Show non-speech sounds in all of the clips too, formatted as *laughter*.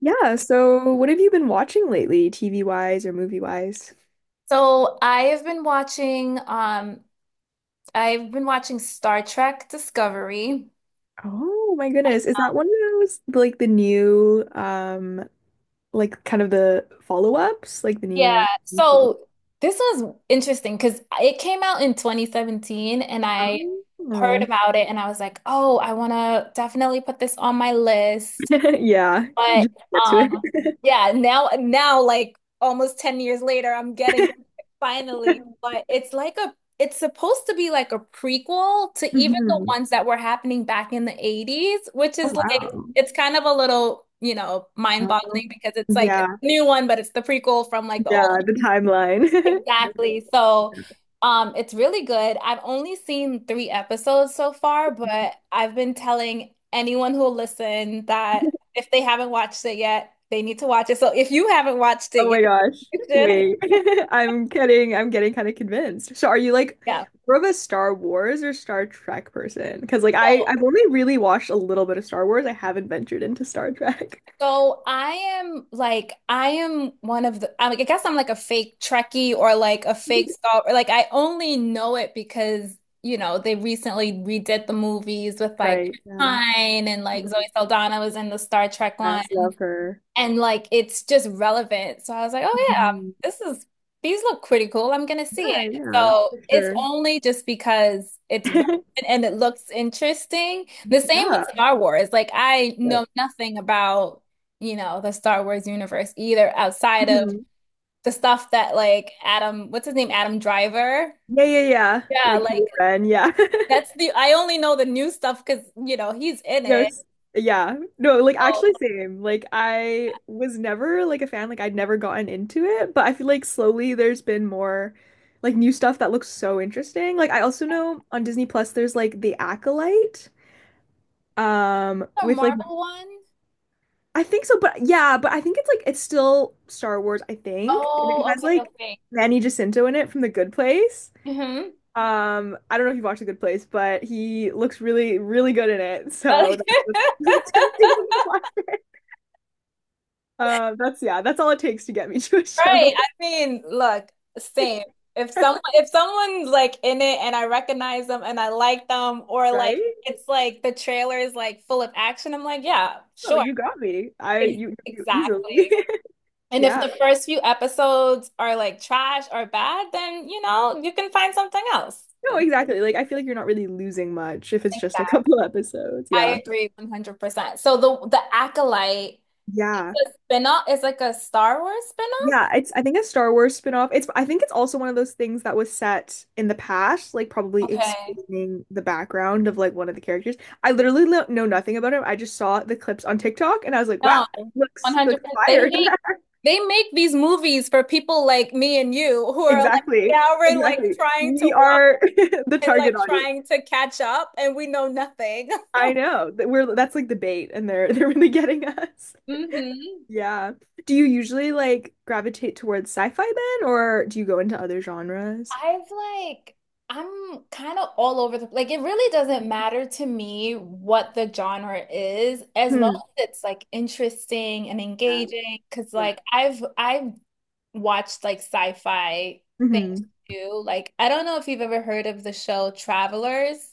Yeah, so what have you been watching lately, TV wise or movie wise? So I have been watching I've been watching Star Trek Discovery. Oh my goodness. Is that one of those like the new like kind of the follow-ups, like the Yeah. new So this was interesting because it came out in 2017 and I Oh. heard about it and I was like, "Oh, I want to definitely put this on my list." *laughs* Yeah, you But just get to it. yeah, now like almost 10 years later I'm getting it finally, *laughs* but it's like a it's supposed to be like a prequel to even the hmm ones that were happening back in the 80s, which Oh is like wow. it's kind of a little, you know, Um, mind-boggling because it's like it's yeah, a new one, but it's the prequel from like the old yeah, the one. timeline. *laughs* Definitely. Exactly. It's really good. I've only seen three episodes so far, but I've been telling anyone who'll listen that *laughs* if they haven't watched it yet, they need to watch it. So if you haven't watched it Oh yet, my gosh. *laughs* you should. Wait. *laughs* I'm kidding. I'm getting kind of convinced. So are you like Yeah. more of a Star Wars or Star Trek person? Because like I So, I've only really watched a little bit of Star Wars. I haven't ventured into Star Trek. so I am like I am one of the I guess I'm like a fake Trekkie or like a fake *laughs* Star or like I only know it because, you know, they recently redid the movies with like Right. Yeah. Pine and like Zoe Saldana was in the Star Trek line. Yes, love her. And like it's just relevant. So I was like, oh yeah, Mhm. this is these look pretty cool. I'm gonna see Yeah, it. yeah, So for it's sure. only just because it's relevant *laughs* and it looks interesting. The same with Yeah. Star Wars. Like I know But- nothing about, you know, the Star Wars universe either outside of Mhm. the stuff that like Adam, what's his name? Adam Driver. Yeah, yeah, yeah. Yeah, Like like Kylo Ren, yeah. *laughs* that's the I only know the new stuff because, you know, he's in it. Yes. Yeah. No, like Oh, actually same. Like I was never like a fan, like I'd never gotten into it, but I feel like slowly there's been more like new stuff that looks so interesting. Like I also know on Disney Plus there's like The Acolyte. The With like Marvel one? I think so, but yeah, but I think it's like it's still Star Wars, I think. And it Oh, has okay, like okay. Manny Jacinto in it from The Good Place. Mm-hmm. I don't know if you've watched The Good Place, but he looks really, really good in it. So that's what's *laughs* *laughs* tempting me to watch. That's yeah, that's all it takes to get me *laughs* to a show, Right. I mean, look, same. If some *laughs* if someone's like in it and I recognize them and I like them, or like right? it's like the trailer is like full of action, I'm like, yeah, Oh, sure. you got me. I you, you easily. Exactly. *laughs* And if Yeah. the first few episodes are like trash or bad, then you know, you can find something else. No, Think exactly. Like I feel like you're not really losing much if it's just a *laughs* back. couple episodes. I Yeah. agree 100%. So the Acolyte Yeah. is a spin-off, is like a Star Wars spin-off? Yeah, it's I think a Star Wars spin-off. It's I think it's also one of those things that was set in the past, like probably Okay. explaining the background of like one of the characters. I literally lo- know nothing about him. I just saw the clips on TikTok and I was like, wow, No, *laughs* looks 100%. Fire." *laughs* They make these movies for people like me and you who are like Exactly. now we're like Exactly. trying to We watch are *laughs* the and target like audience. trying to catch up and we know nothing. *laughs* I know that we're that's like the bait and they're *laughs* they're really getting us. Mm-hmm. Yeah. Do you usually like gravitate towards sci-fi then or do you go into other genres? I've like I'm kind of all over the like it really doesn't matter to me what the genre is as long Hmm. as it's like interesting and Yeah. engaging because Yeah. like I've watched like sci-fi things hmm too. Like I don't know if you've ever heard of the show Travelers.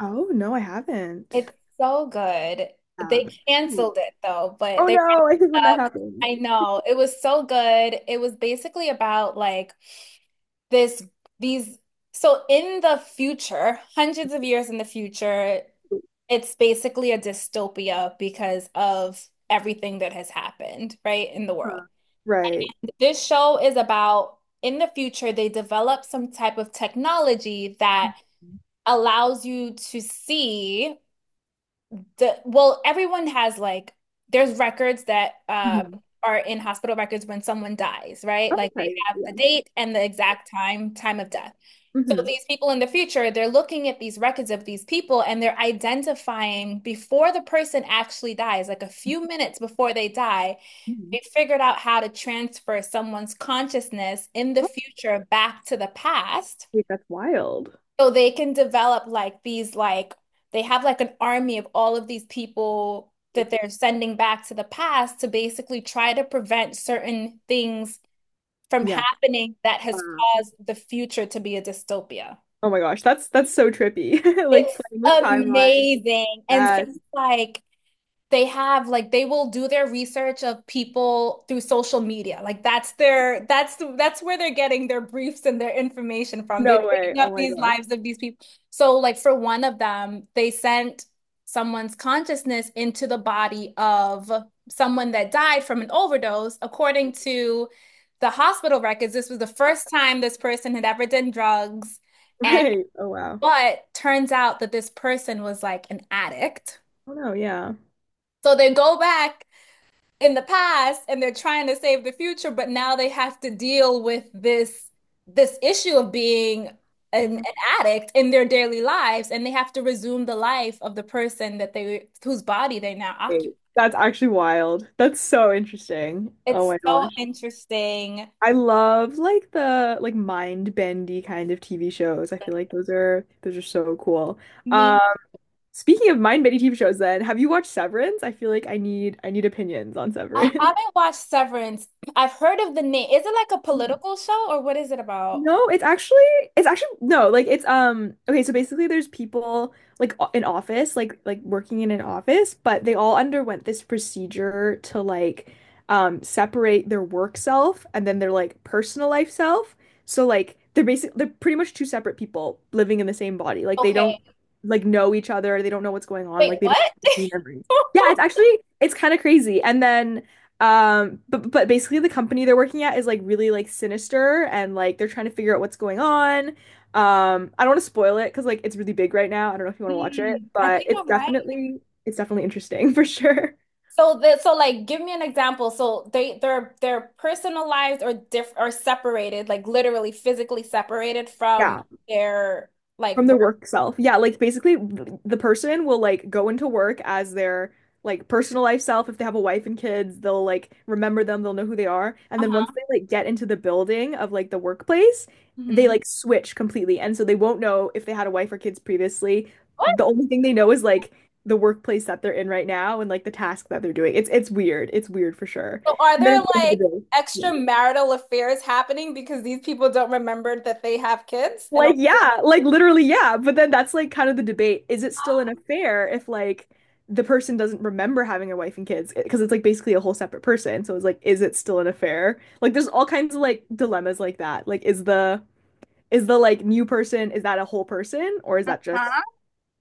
Oh, no, I haven't. It's so good. Yeah. They Hmm. canceled it though, but Oh they went no, I think when that up. happens. I know. It was so good. It was basically about this, these, so in the future, hundreds of years in the future, it's basically a dystopia because of everything that has happened, right, in the world. Huh. Right. This show is about in the future, they develop some type of technology that allows you to see. The well, everyone has like there's records that hmm are in hospital records when someone dies, right? Like they Okay. have the Yeah. date and the exact time of death. So hmm these people in the future, they're looking at these records of these people and they're identifying before the person actually dies, like a few minutes before they die, hmm they figured out how to transfer someone's consciousness in the Oh, future back to the past wait, that's wild. so they can develop like these like they have like an army of all of these people that they're sending back to the past to basically try to prevent certain things from Yeah. happening that has Wow. caused the future to be a dystopia. Oh my gosh, that's so trippy. *laughs* It's Like playing with timelines. amazing. And things Yes. like they have like they will do their research of people through social media. Like that's their that's where they're getting their briefs and their information from. They're No way. picking up Oh my these gosh. lives of these people. So like for one of them, they sent someone's consciousness into the body of someone that died from an overdose. According to the hospital records, this was the first *laughs* time this person had ever done drugs. And Right. Oh wow. But turns out that this person was like an addict. Oh no, yeah. So they go back in the past and they're trying to save the future, but now they have to deal with this issue of being an addict in their daily lives and they have to resume the life of the person that they whose body they now Wait, occupy. that's actually wild. That's so interesting. Oh It's my so gosh. interesting. I love like the like mind bendy kind of TV shows. I feel like those are so cool. Uh, Me, speaking of mind bendy TV shows then, have you watched Severance? I feel like I need opinions on I Severance. haven't watched Severance. I've heard of the name. Is it like a *laughs* political show or what is it about? No, it's actually no, like it's okay, so basically there's people like o- in office, like working in an office, but they all underwent this procedure to like separate their work self and then their like personal life self. So like they're basic they're pretty much two separate people living in the same body. Like they Okay. don't like know each other, they don't know what's going on, Wait, like they what? don't have *laughs* memories. Yeah, it's actually it's kind of crazy. And then but basically the company they're working at is like really like sinister and like they're trying to figure out what's going on. I don't want to spoil it because like it's really big right now. I don't know if you want to watch it, Hmm, I but think I might. It's definitely interesting *laughs* for sure. So that, so like give me an example. So they're personalized or diff or separated, like literally physically separated from Yeah. their like From their work. work self. Yeah, like basically th- the person will like go into work as their like personal life self. If they have a wife and kids, they'll like remember them, they'll know who they are. And then once Uh-huh. they like get into the building of like the workplace, they Hmm. like switch completely. And so they won't know if they had a wife or kids previously. What? The only thing they know is like the workplace that they're in right now and like the task that they're doing. It's weird. It's weird for sure. So are And then at there the end of the like day, yeah. extramarital affairs happening because these people don't remember that they have kids? And Like, all- yeah, like literally, yeah. But then that's like kind of the debate. Is it still an affair if like the person doesn't remember having a wife and kids? Because it's like basically a whole separate person. So it's like, is it still an affair? Like, there's all kinds of like dilemmas like that. Like, is the like new person, is that a whole person or is that just, Huh?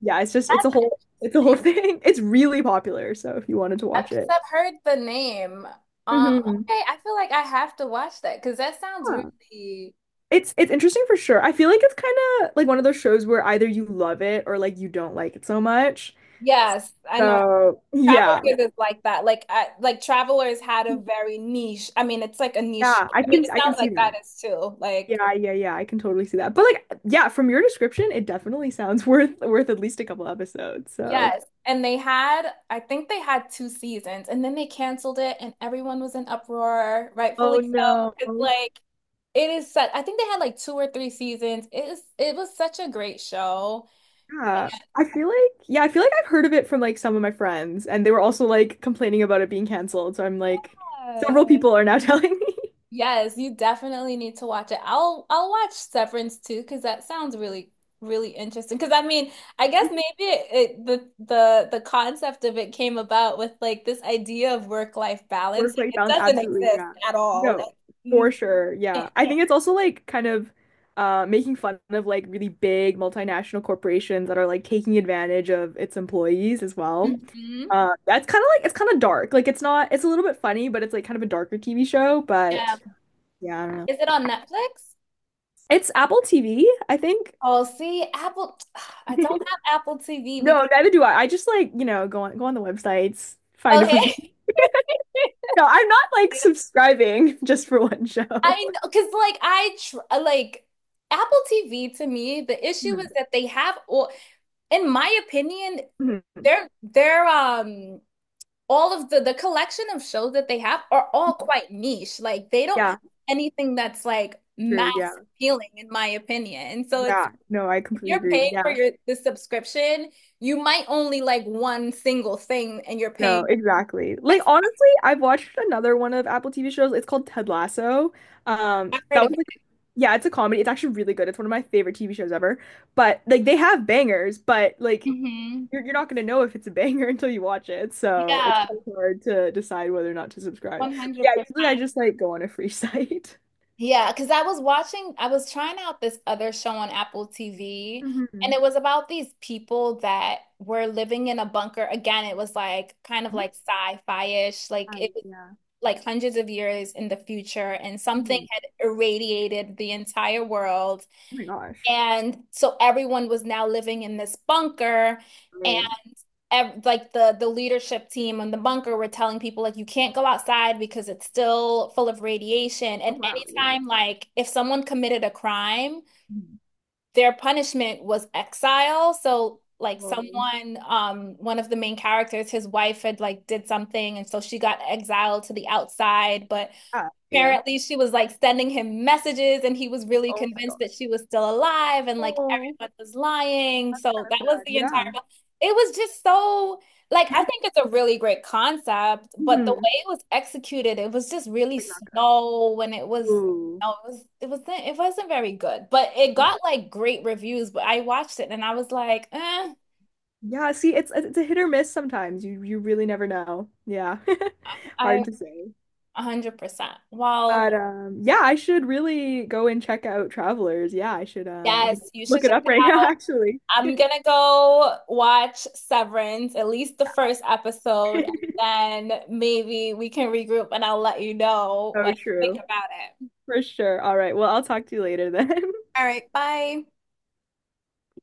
yeah, it's just, it's a whole *laughs* thing. It's really popular. So if you wanted to watch Because it. I've heard the name. Um, Hmm okay, I feel like I have to watch that because that sounds Yeah. really, It's interesting for sure. I feel like it's kind of like one of those shows where either you love it or like you don't like it so much. yes, I know. So yeah, Travelers is like that. Like Travelers had a very niche. I mean, it's like a niche. yeah, I mean, it I can sounds see like that that. is too. Like Yeah, yeah, yeah, I can totally see that. But like, yeah, from your description, it definitely sounds *laughs* worth at least a couple episodes. So. yes. And they had, I think they had two seasons and then they canceled it and everyone was in uproar, rightfully Oh so. no. It's like it is such, I think they had like two or three seasons. It was such a great show. Yeah. I feel like yeah, I feel like I've heard of it from like some of my friends, and they were also like complaining about it being canceled. So I'm like, Yes. several people are now *laughs* telling me. Yes, you definitely need to watch it. I'll watch Severance too because that sounds really really interesting. Because I mean, I guess maybe it, it the the concept of it came about with like this idea of work-life balance. Work life Like it balance, doesn't absolutely, exist yeah. at all. Like, No, for you sure, can't. yeah. I think it's also like kind of making fun of like really big multinational corporations that are like taking advantage of its employees as well. Mhm. That's kind of like it's kind of dark. Like it's not, it's a little bit funny, but it's like kind of a darker TV show. Yeah. But yeah, I don't Is know. it on Netflix? It's Apple TV, I think. Oh, see, Apple. *sighs* I don't *laughs* have Apple TV because No, neither do I. I just like, you know, go on the websites, find it for free. okay. No, I'm not like *laughs* subscribing *laughs* just for one show. I *laughs* know, because like I tr like Apple TV to me, the issue is Mhm. that they have all. In my opinion, Mhm. They're all of the collection of shows that they have are all quite niche. Like they don't have Yeah. anything that's like mass True. Yeah. appealing in my opinion. And so it's Yeah. No, I if completely you're agree. paying for Yeah. your the subscription, you might only like one single thing and you're paying No, exactly. Like X honestly, I've watched another one of Apple TV shows. It's called Ted Lasso. Amount That of was it. like yeah, it's a comedy. It's actually really good. It's one of my favorite TV shows ever. But like they have bangers, but like Mhm. You're not gonna know if it's a banger *laughs* until you watch it. So it's Yeah, kind of hard to decide whether or not to subscribe. But yeah, 100%. usually I just like go on a free *laughs* site. Yeah, because I was watching, I was trying out this other show on Apple TV, and Hmm it was about these people that were living in a bunker. Again, it was like kind of like sci-fi-ish, like I, it was yeah. like hundreds of years in the future, and something Mhm. had irradiated the entire world. Oh my gosh. And so everyone was now living in this bunker Great. ev like the leadership team and the bunker were telling people like you can't go outside because it's still full of radiation. Oh And wow, yeah. anytime like if someone committed a crime, Mhm. their punishment was exile. So like Well, someone, one of the main characters, his wife had like did something, and so she got exiled to the outside, but yeah. Yeah. apparently she was like sending him messages and he was really Oh my God. convinced that she was still alive and like Oh, everyone was lying. So kind of that was sad. the entire Yeah. it was just so like I think it's a really great concept, but the way hmm it was executed, it was just really Like not good. slow and it was Ooh. no, it was it wasn't very good. But it got like great reviews, but I watched it and I was like, eh, Yeah, see, it's a hit or miss sometimes. You really never know. Yeah. *laughs* I Hard to say. 100%. Well, But yeah, I should really go and check out Travelers. Yeah, I should I yes, think you should look it check up it right now out. actually. I'm gonna go watch Severance, at least the first episode, *laughs* and then maybe we can regroup and I'll let you know what So I true. think about it. For sure. All right. Well, I'll talk to you later then. *laughs* All right, bye.